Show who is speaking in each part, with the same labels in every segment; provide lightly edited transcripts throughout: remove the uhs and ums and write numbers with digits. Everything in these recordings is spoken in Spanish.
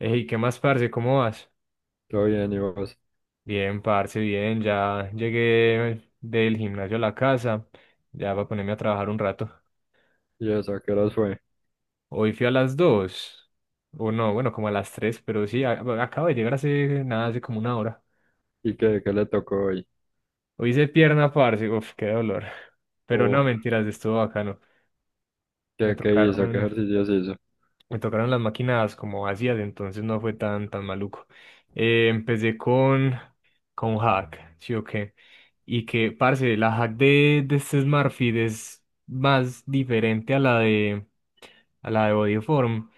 Speaker 1: Ey, ¿qué más, parce? ¿Cómo vas?
Speaker 2: Todo bien, ¿y vos?
Speaker 1: Bien, parce, bien. Ya llegué del gimnasio a la casa. Ya va a ponerme a trabajar un rato.
Speaker 2: ¿Y eso? ¿A qué horas fue?
Speaker 1: Hoy fui a las 2. O no, bueno, como a las 3, pero sí, bueno, acabo de llegar hace nada, hace como una hora.
Speaker 2: ¿Y qué le tocó hoy?
Speaker 1: Hoy hice pierna, parce. Uf, qué dolor. Pero no,
Speaker 2: Uf,
Speaker 1: mentiras, estuvo bacano. Me
Speaker 2: ¿qué hizo? ¿Qué
Speaker 1: tocaron,
Speaker 2: ejercicios hizo?
Speaker 1: Me tocaron las máquinas como ácidas, entonces no fue tan maluco. Empecé con hack, ¿sí o qué? Y que, parce, la hack de este Smartfit es más diferente a la de Bodyform.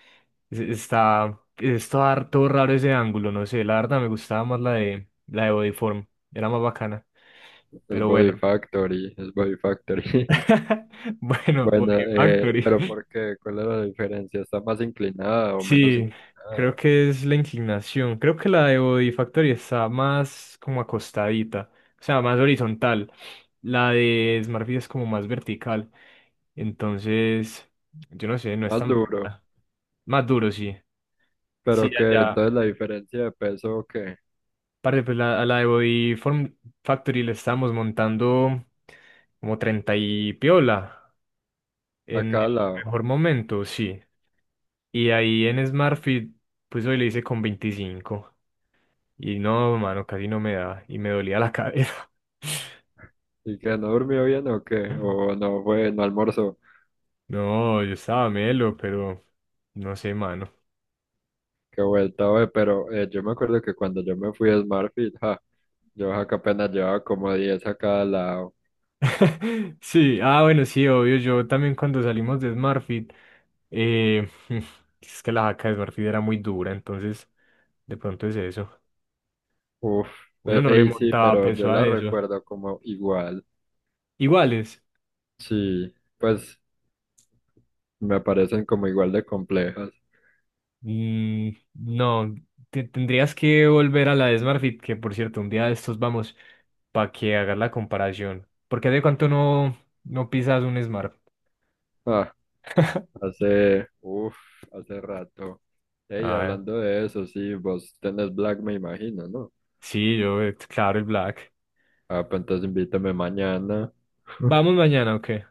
Speaker 1: Está harto raro ese ángulo, no sé, la verdad me gustaba más la de Bodyform, era más bacana.
Speaker 2: Es
Speaker 1: Pero
Speaker 2: Body
Speaker 1: bueno,
Speaker 2: Factory, es Body Factory.
Speaker 1: bueno,
Speaker 2: Bueno,
Speaker 1: Body Factory.
Speaker 2: pero ¿por qué? ¿Cuál es la diferencia? ¿Está más inclinada o menos
Speaker 1: Sí, creo
Speaker 2: inclinada?
Speaker 1: que es la inclinación. Creo que la de Body Factory está más como acostadita, o sea, más horizontal. La de Smartfit es como más vertical. Entonces, yo no sé, no es
Speaker 2: Más
Speaker 1: tan
Speaker 2: duro.
Speaker 1: bacana. Más duro, sí. Sí,
Speaker 2: ¿Pero qué?
Speaker 1: allá.
Speaker 2: Entonces la diferencia de peso, ¿qué?
Speaker 1: Parce, pues a la de Body Form Factory le estábamos montando como 30 y piola
Speaker 2: A
Speaker 1: en
Speaker 2: cada
Speaker 1: el
Speaker 2: lado.
Speaker 1: mejor momento, sí. Y ahí en Smartfit, pues hoy le hice con 25. Y no, mano, casi no me da. Y me dolía la cadera.
Speaker 2: ¿Y que no durmió bien o qué? ¿O no fue, no almorzó?
Speaker 1: No, yo estaba melo, pero no sé, mano.
Speaker 2: Qué vuelta, güey. Pero yo me acuerdo que cuando yo me fui a SmartFit, ja, yo ja, que apenas llevaba como 10 a cada lado.
Speaker 1: Sí, ah, bueno, sí, obvio. Yo también cuando salimos de Smartfit, eh, es que la jaca de Smartfit era muy dura, entonces de pronto es eso.
Speaker 2: Uf,
Speaker 1: Uno no le
Speaker 2: ey, sí,
Speaker 1: montaba
Speaker 2: pero yo
Speaker 1: peso a
Speaker 2: las
Speaker 1: eso.
Speaker 2: recuerdo como igual.
Speaker 1: Iguales.
Speaker 2: Sí, pues me parecen como igual de complejas.
Speaker 1: Mm, no, tendrías que volver a la de SmartFit, que, por cierto, un día de estos vamos para que hagas la comparación. Porque de cuánto no pisas un Smart.
Speaker 2: Ah, hace, uf, hace rato. Ey,
Speaker 1: Ah,
Speaker 2: hablando de eso, sí, vos tenés Black, me imagino, ¿no?
Speaker 1: sí, claro, el Black.
Speaker 2: Ah, pues entonces invítame mañana.
Speaker 1: ¿Vamos mañana o qué?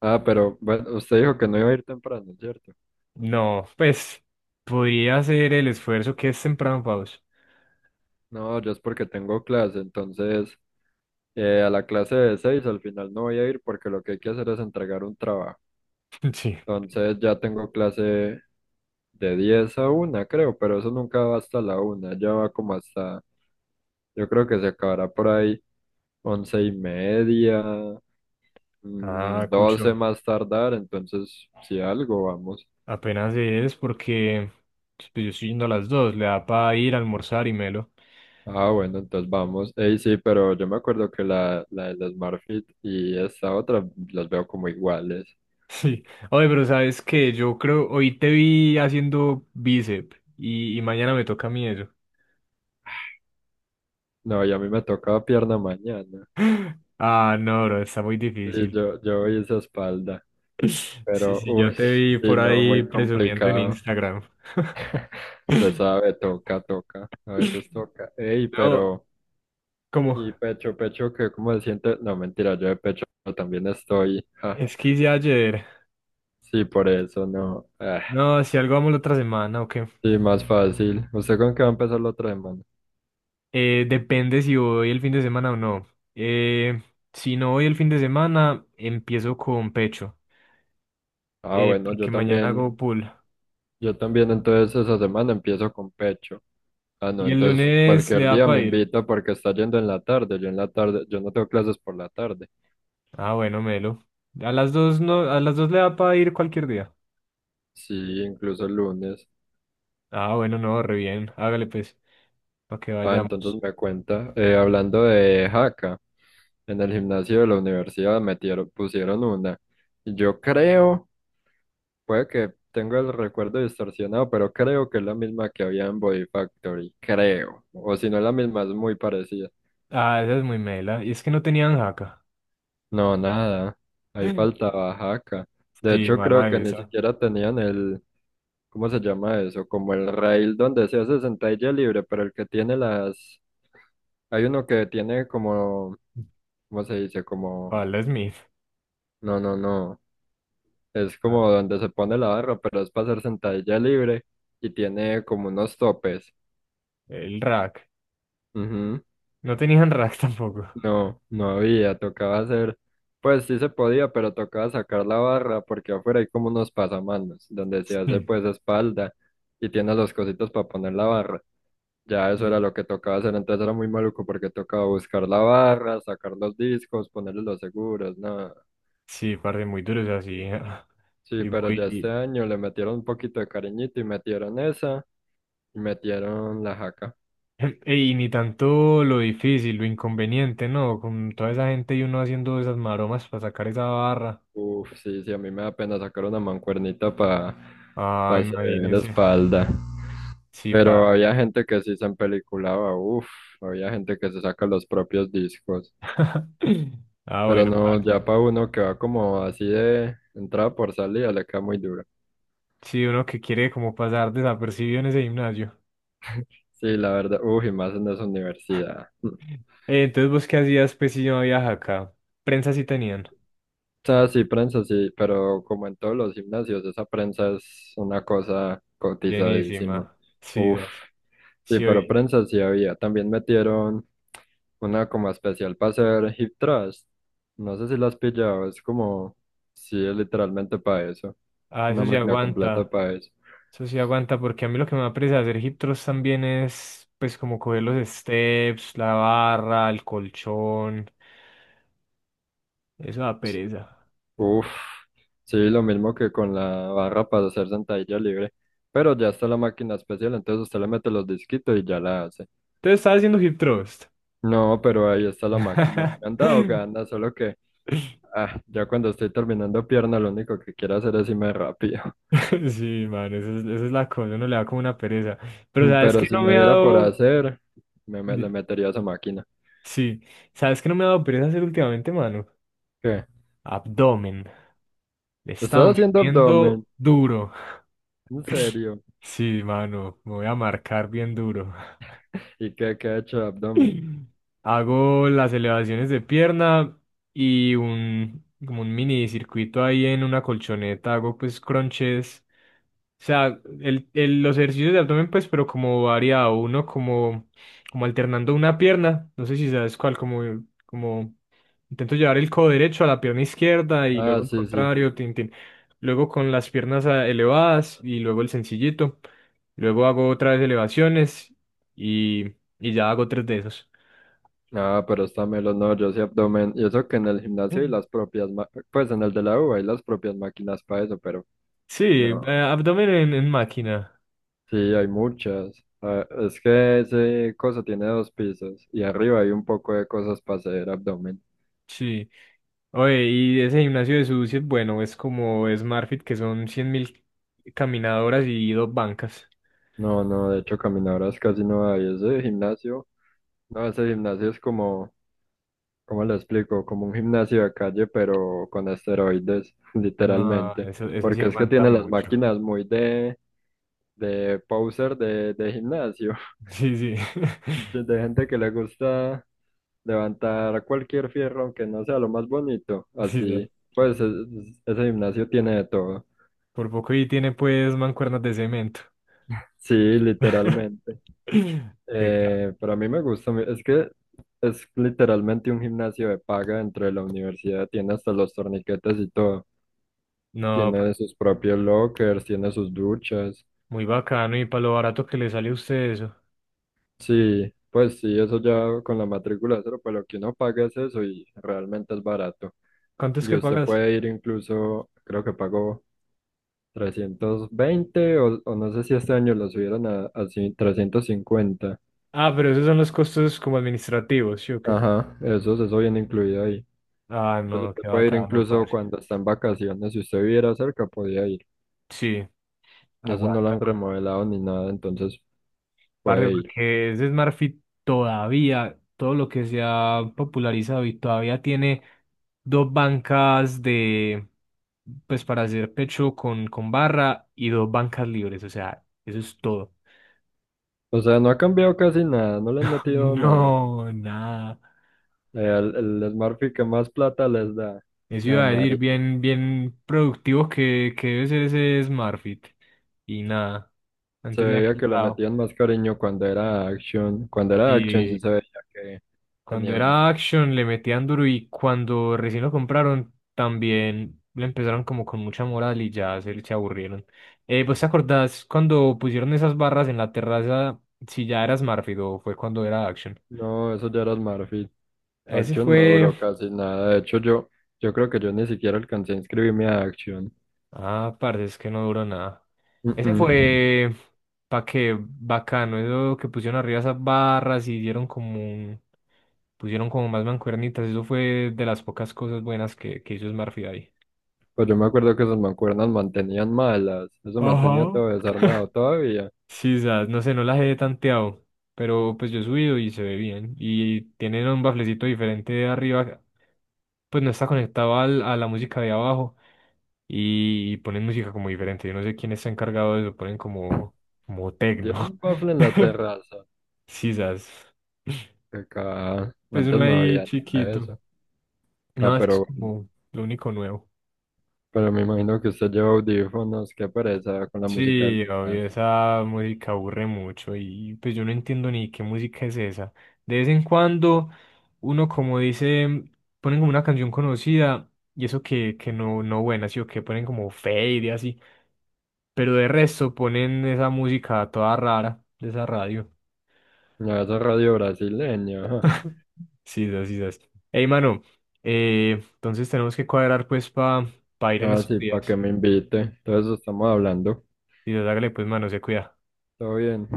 Speaker 2: Ah, pero bueno, usted dijo que no iba a ir temprano, ¿cierto?
Speaker 1: No, pues podría hacer el esfuerzo que es temprano, Paus.
Speaker 2: No, yo es porque tengo clase, entonces a la clase de seis al final no voy a ir porque lo que hay que hacer es entregar un trabajo.
Speaker 1: Sí.
Speaker 2: Entonces ya tengo clase de 10 a una creo, pero eso nunca va hasta la una ya va como hasta, yo creo que se acabará por ahí 11:30,
Speaker 1: Ah,
Speaker 2: 12
Speaker 1: Cucho,
Speaker 2: más tardar, entonces si algo vamos.
Speaker 1: apenas es porque, pues, yo estoy yendo a las 2, le da para ir a almorzar y melo.
Speaker 2: Ah, bueno, entonces vamos. Ey, sí, pero yo me acuerdo que la del SmartFit y esta otra las veo como iguales.
Speaker 1: Sí. Oye, pero sabes que yo creo, hoy te vi haciendo bíceps y mañana me toca a mí eso.
Speaker 2: No, y a mí me tocaba pierna mañana.
Speaker 1: Ah, no, bro, está muy
Speaker 2: Y
Speaker 1: difícil.
Speaker 2: yo hice espalda,
Speaker 1: Sí,
Speaker 2: pero
Speaker 1: sí, yo
Speaker 2: uy,
Speaker 1: te vi
Speaker 2: sí,
Speaker 1: por
Speaker 2: no,
Speaker 1: ahí
Speaker 2: muy
Speaker 1: presumiendo en
Speaker 2: complicado.
Speaker 1: Instagram.
Speaker 2: Se sabe, toca, toca, a veces toca. Ey,
Speaker 1: No,
Speaker 2: pero,
Speaker 1: como,
Speaker 2: y pecho, pecho, que cómo se siente, no, mentira, yo de pecho también estoy, ja,
Speaker 1: es que hice ayer.
Speaker 2: sí, por eso, no, ah,
Speaker 1: No, si algo vamos la otra semana, ok.
Speaker 2: sí, más fácil. ¿Usted con qué va a empezar la otra semana?
Speaker 1: Depende si voy el fin de semana o no. Eh, si no voy el fin de semana, empiezo con pecho,
Speaker 2: Ah, bueno,
Speaker 1: porque mañana hago pull.
Speaker 2: yo también, entonces esa semana empiezo con pecho. Ah, no,
Speaker 1: Y el
Speaker 2: entonces
Speaker 1: lunes le
Speaker 2: cualquier
Speaker 1: da
Speaker 2: día
Speaker 1: para
Speaker 2: me
Speaker 1: ir.
Speaker 2: invita porque está yendo en la tarde, yo en la tarde, yo no tengo clases por la tarde,
Speaker 1: Ah, bueno, melo. A las dos no, a las 2 le da para ir cualquier día.
Speaker 2: sí, incluso el lunes.
Speaker 1: Ah, bueno, no, re bien. Hágale, pues, para que
Speaker 2: Ah,
Speaker 1: vayamos.
Speaker 2: entonces me cuenta, hablando de jaca. En el gimnasio de la universidad pusieron una. Y yo creo, puede que tengo el recuerdo distorsionado, pero creo que es la misma que había en Body Factory. Creo. O si no es la misma, es muy parecida.
Speaker 1: Ah, esa es muy mela. Y es que no tenían jaca.
Speaker 2: No, nada. Ahí faltaba jaca. De
Speaker 1: Sí,
Speaker 2: hecho,
Speaker 1: mala
Speaker 2: creo que ni
Speaker 1: esa.
Speaker 2: siquiera tenían el, ¿cómo se llama eso? Como el rail donde se hace sentadilla libre, pero el que tiene las... Hay uno que tiene como, ¿cómo se dice? Como...
Speaker 1: Pablo Smith.
Speaker 2: No, no, no. Es
Speaker 1: Ah,
Speaker 2: como donde se pone la barra, pero es para hacer sentadilla libre y tiene como unos topes.
Speaker 1: el rack.
Speaker 2: Ujú.
Speaker 1: No tenían rack tampoco.
Speaker 2: No, no había, tocaba hacer, pues sí se podía, pero tocaba sacar la barra porque afuera hay como unos pasamanos donde se hace
Speaker 1: Sí,
Speaker 2: pues espalda y tiene los cositos para poner la barra. Ya eso
Speaker 1: sí,
Speaker 2: era lo que tocaba hacer, entonces era muy maluco porque tocaba buscar la barra, sacar los discos, ponerle los seguros, nada.
Speaker 1: sí, parce, muy duros así.
Speaker 2: Sí,
Speaker 1: Y
Speaker 2: pero ya este
Speaker 1: muy.
Speaker 2: año le metieron un poquito de cariñito y metieron esa y metieron la jaca.
Speaker 1: Y ni tanto lo difícil, lo inconveniente, ¿no? Con toda esa gente y uno haciendo esas maromas para sacar esa barra.
Speaker 2: Uf, sí, sí, a mí me da pena sacar una mancuernita para
Speaker 1: Ah,
Speaker 2: hacer
Speaker 1: imagínese.
Speaker 2: espalda.
Speaker 1: Sí,
Speaker 2: Pero
Speaker 1: parce.
Speaker 2: había gente que sí se empeliculaba, uf, había gente que se saca los propios discos.
Speaker 1: Ah,
Speaker 2: Pero
Speaker 1: bueno,
Speaker 2: no,
Speaker 1: parce.
Speaker 2: ya para uno que va como así de entrada por salida, le queda muy duro.
Speaker 1: Sí, uno que quiere como pasar desapercibido en ese gimnasio.
Speaker 2: Sí, la verdad, uf, y más en esa universidad.
Speaker 1: Entonces, ¿vos qué hacías, pues, si no había acá? Prensa sí tenían.
Speaker 2: O sea, sí, prensa sí, pero como en todos los gimnasios, esa prensa es una cosa cotizadísima.
Speaker 1: Llenísima. Sí,
Speaker 2: Uf,
Speaker 1: das.
Speaker 2: sí,
Speaker 1: Sí,
Speaker 2: pero
Speaker 1: oí.
Speaker 2: prensa sí había. También metieron una como especial para hacer hip thrust. No sé si la has pillado, es como, sí, es literalmente para eso,
Speaker 1: Ah,
Speaker 2: una
Speaker 1: eso sí
Speaker 2: máquina completa
Speaker 1: aguanta.
Speaker 2: para eso.
Speaker 1: Eso sí aguanta, porque a mí lo que me da apresa hacer hip thrust también es, pues, como coger los steps, la barra, el colchón. Eso da pereza.
Speaker 2: Uf, sí, lo mismo que con la barra para hacer sentadilla libre, pero ya está la máquina especial, entonces usted le mete los disquitos y ya la hace.
Speaker 1: Entonces, estaba haciendo hip thrust.
Speaker 2: No, pero ahí está la máquina. Me han dado ganas, solo que ah, ya cuando estoy terminando pierna, lo único que quiero hacer es irme rápido.
Speaker 1: Sí, mano, eso es la cosa, uno le da como una pereza. Pero sabes
Speaker 2: Pero
Speaker 1: que
Speaker 2: si
Speaker 1: no
Speaker 2: me
Speaker 1: me ha
Speaker 2: diera por
Speaker 1: dado.
Speaker 2: hacer, le
Speaker 1: di-
Speaker 2: metería a esa máquina.
Speaker 1: Sí, sabes que no me ha dado pereza hacer últimamente, mano.
Speaker 2: ¿Qué?
Speaker 1: Abdomen. Le he
Speaker 2: ¿Estás
Speaker 1: estado
Speaker 2: haciendo abdomen?
Speaker 1: metiendo duro.
Speaker 2: ¿En serio?
Speaker 1: Sí, mano, me voy a marcar bien duro.
Speaker 2: ¿Y qué ha hecho de abdomen?
Speaker 1: Hago las elevaciones de pierna y como un mini circuito ahí en una colchoneta. Hago, pues, crunches. O sea, los ejercicios de abdomen, pues, pero como variado, uno como, como, alternando una pierna, no sé si sabes cuál, como intento llevar el codo derecho a la pierna izquierda y
Speaker 2: Ah,
Speaker 1: luego el
Speaker 2: sí, sí.
Speaker 1: contrario, tin, tin. Luego con las piernas elevadas y luego el sencillito. Luego hago otra vez elevaciones y, y ya hago tres de esos.
Speaker 2: Ah, pero está melo, no, yo sí abdomen. Y eso que en el gimnasio hay
Speaker 1: Mm.
Speaker 2: las propias, pues en el de la U hay las propias máquinas para eso, pero
Speaker 1: Sí,
Speaker 2: no.
Speaker 1: abdomen en máquina,
Speaker 2: Sí, hay muchas. Ah, es que ese cosa tiene dos pisos y arriba hay un poco de cosas para hacer abdomen.
Speaker 1: sí. Oye, y ese gimnasio de Susi es bueno, es como SmartFit, que son 100.000 caminadoras y dos bancas.
Speaker 2: No, no, de hecho caminadoras casi no hay. Ese gimnasio, no, ese gimnasio es como, ¿cómo lo explico? Como un gimnasio de calle, pero con esteroides,
Speaker 1: No,
Speaker 2: literalmente.
Speaker 1: eso sí
Speaker 2: Porque es que
Speaker 1: levanta
Speaker 2: tiene las
Speaker 1: mucho.
Speaker 2: máquinas muy de poser de gimnasio,
Speaker 1: Sí, sí.
Speaker 2: de gente que le gusta levantar cualquier fierro, aunque no sea lo más bonito.
Speaker 1: Sí, sí.
Speaker 2: Así, pues ese gimnasio tiene de todo.
Speaker 1: Por poco y tiene, pues, mancuernas de cemento.
Speaker 2: Sí, literalmente.
Speaker 1: Qué ca-
Speaker 2: Pero a mí me gusta, es que es literalmente un gimnasio de paga dentro de la universidad, tiene hasta los torniquetes y todo.
Speaker 1: No,
Speaker 2: Tiene sus propios lockers, tiene sus duchas.
Speaker 1: muy bacano y para lo barato que le sale a usted eso.
Speaker 2: Sí, pues sí, eso ya con la matrícula cero, pues lo que uno paga es eso y realmente es barato.
Speaker 1: ¿Cuánto es
Speaker 2: Y
Speaker 1: que
Speaker 2: usted
Speaker 1: pagas?
Speaker 2: puede ir incluso, creo que pagó 320 o no sé si este año lo subieron a 350.
Speaker 1: Ah, pero esos son los costos como administrativos, ¿sí o qué?
Speaker 2: Ajá, eso viene incluido ahí.
Speaker 1: Ah,
Speaker 2: Entonces
Speaker 1: no,
Speaker 2: usted
Speaker 1: qué
Speaker 2: puede ir
Speaker 1: bacano,
Speaker 2: incluso
Speaker 1: parce.
Speaker 2: cuando está en vacaciones, si usted viviera cerca, podía ir.
Speaker 1: Sí,
Speaker 2: Eso no lo
Speaker 1: aguanta.
Speaker 2: han remodelado ni nada, entonces
Speaker 1: Parce,
Speaker 2: puede ir.
Speaker 1: porque ese Smart Fit todavía, todo lo que se ha popularizado, y todavía tiene dos bancas de, pues, para hacer pecho con barra y dos bancas libres, o sea, eso es todo.
Speaker 2: O sea, no ha cambiado casi nada, no le han metido nada.
Speaker 1: No, nada.
Speaker 2: El Smurfy que más plata les da.
Speaker 1: Eso
Speaker 2: Ah,
Speaker 1: iba a decir,
Speaker 2: Mari.
Speaker 1: bien, bien productivo que debe ser ese Smart Fit. Y nada,
Speaker 2: Se
Speaker 1: antes le han
Speaker 2: veía que le
Speaker 1: quitado.
Speaker 2: metían más cariño cuando era Action. Cuando era Action sí
Speaker 1: Sí.
Speaker 2: se veía que
Speaker 1: Cuando
Speaker 2: tenía sus...
Speaker 1: era Action le metían duro, y cuando recién lo compraron también le empezaron como con mucha moral y ya se aburrieron. ¿Vos te acordás cuando pusieron esas barras en la terraza, si ya era Smartfit o fue cuando era Action?
Speaker 2: No, eso ya era Smurfy.
Speaker 1: Ese
Speaker 2: Action no
Speaker 1: fue.
Speaker 2: duró casi nada. De hecho, yo creo que yo ni siquiera alcancé a inscribirme a Action.
Speaker 1: Ah, parce, es que no duró nada. Ese
Speaker 2: Mm-mm.
Speaker 1: fue. Pa' que bacano, eso que pusieron arriba esas barras y dieron como un. Pusieron como más mancuernitas, eso fue de las pocas cosas buenas que hizo Smartfit ahí.
Speaker 2: Pues yo me acuerdo que esas mancuernas mantenían malas. Eso mantenía
Speaker 1: Ajá.
Speaker 2: todo desarmado todavía.
Speaker 1: Sí, sas, no sé, no las he tanteado, pero, pues, yo he subido y se ve bien. Y tienen un baflecito diferente de arriba, pues no está conectado a la música de abajo y ponen música como diferente. Yo no sé quién está encargado de eso, ponen como,
Speaker 2: Dieron
Speaker 1: tecno.
Speaker 2: un bafle en la terraza.
Speaker 1: Sí, sas.
Speaker 2: Que acá
Speaker 1: Pues
Speaker 2: antes
Speaker 1: uno
Speaker 2: no
Speaker 1: ahí
Speaker 2: había nada de
Speaker 1: chiquito.
Speaker 2: eso. Ah,
Speaker 1: No, eso
Speaker 2: pero
Speaker 1: es
Speaker 2: bueno.
Speaker 1: como lo único nuevo.
Speaker 2: Pero me imagino que usted lleva audífonos, qué pereza con la música del
Speaker 1: Sí, obvio,
Speaker 2: gimnasio.
Speaker 1: esa música aburre mucho y, pues, yo no entiendo ni qué música es esa. De vez en cuando uno como dice, ponen como una canción conocida, y eso que no buena, sí, o que ponen como fade y así, pero de resto ponen esa música toda rara de esa radio.
Speaker 2: Ya esa radio brasileña, ajá.
Speaker 1: Sí, sí, sí. Sí. Ey, mano, entonces tenemos que cuadrar, pues, para ir en
Speaker 2: Ah,
Speaker 1: estos
Speaker 2: sí, para que
Speaker 1: días.
Speaker 2: me invite. Entonces estamos hablando.
Speaker 1: Y hágale, pues, mano, se cuida.
Speaker 2: Todo bien.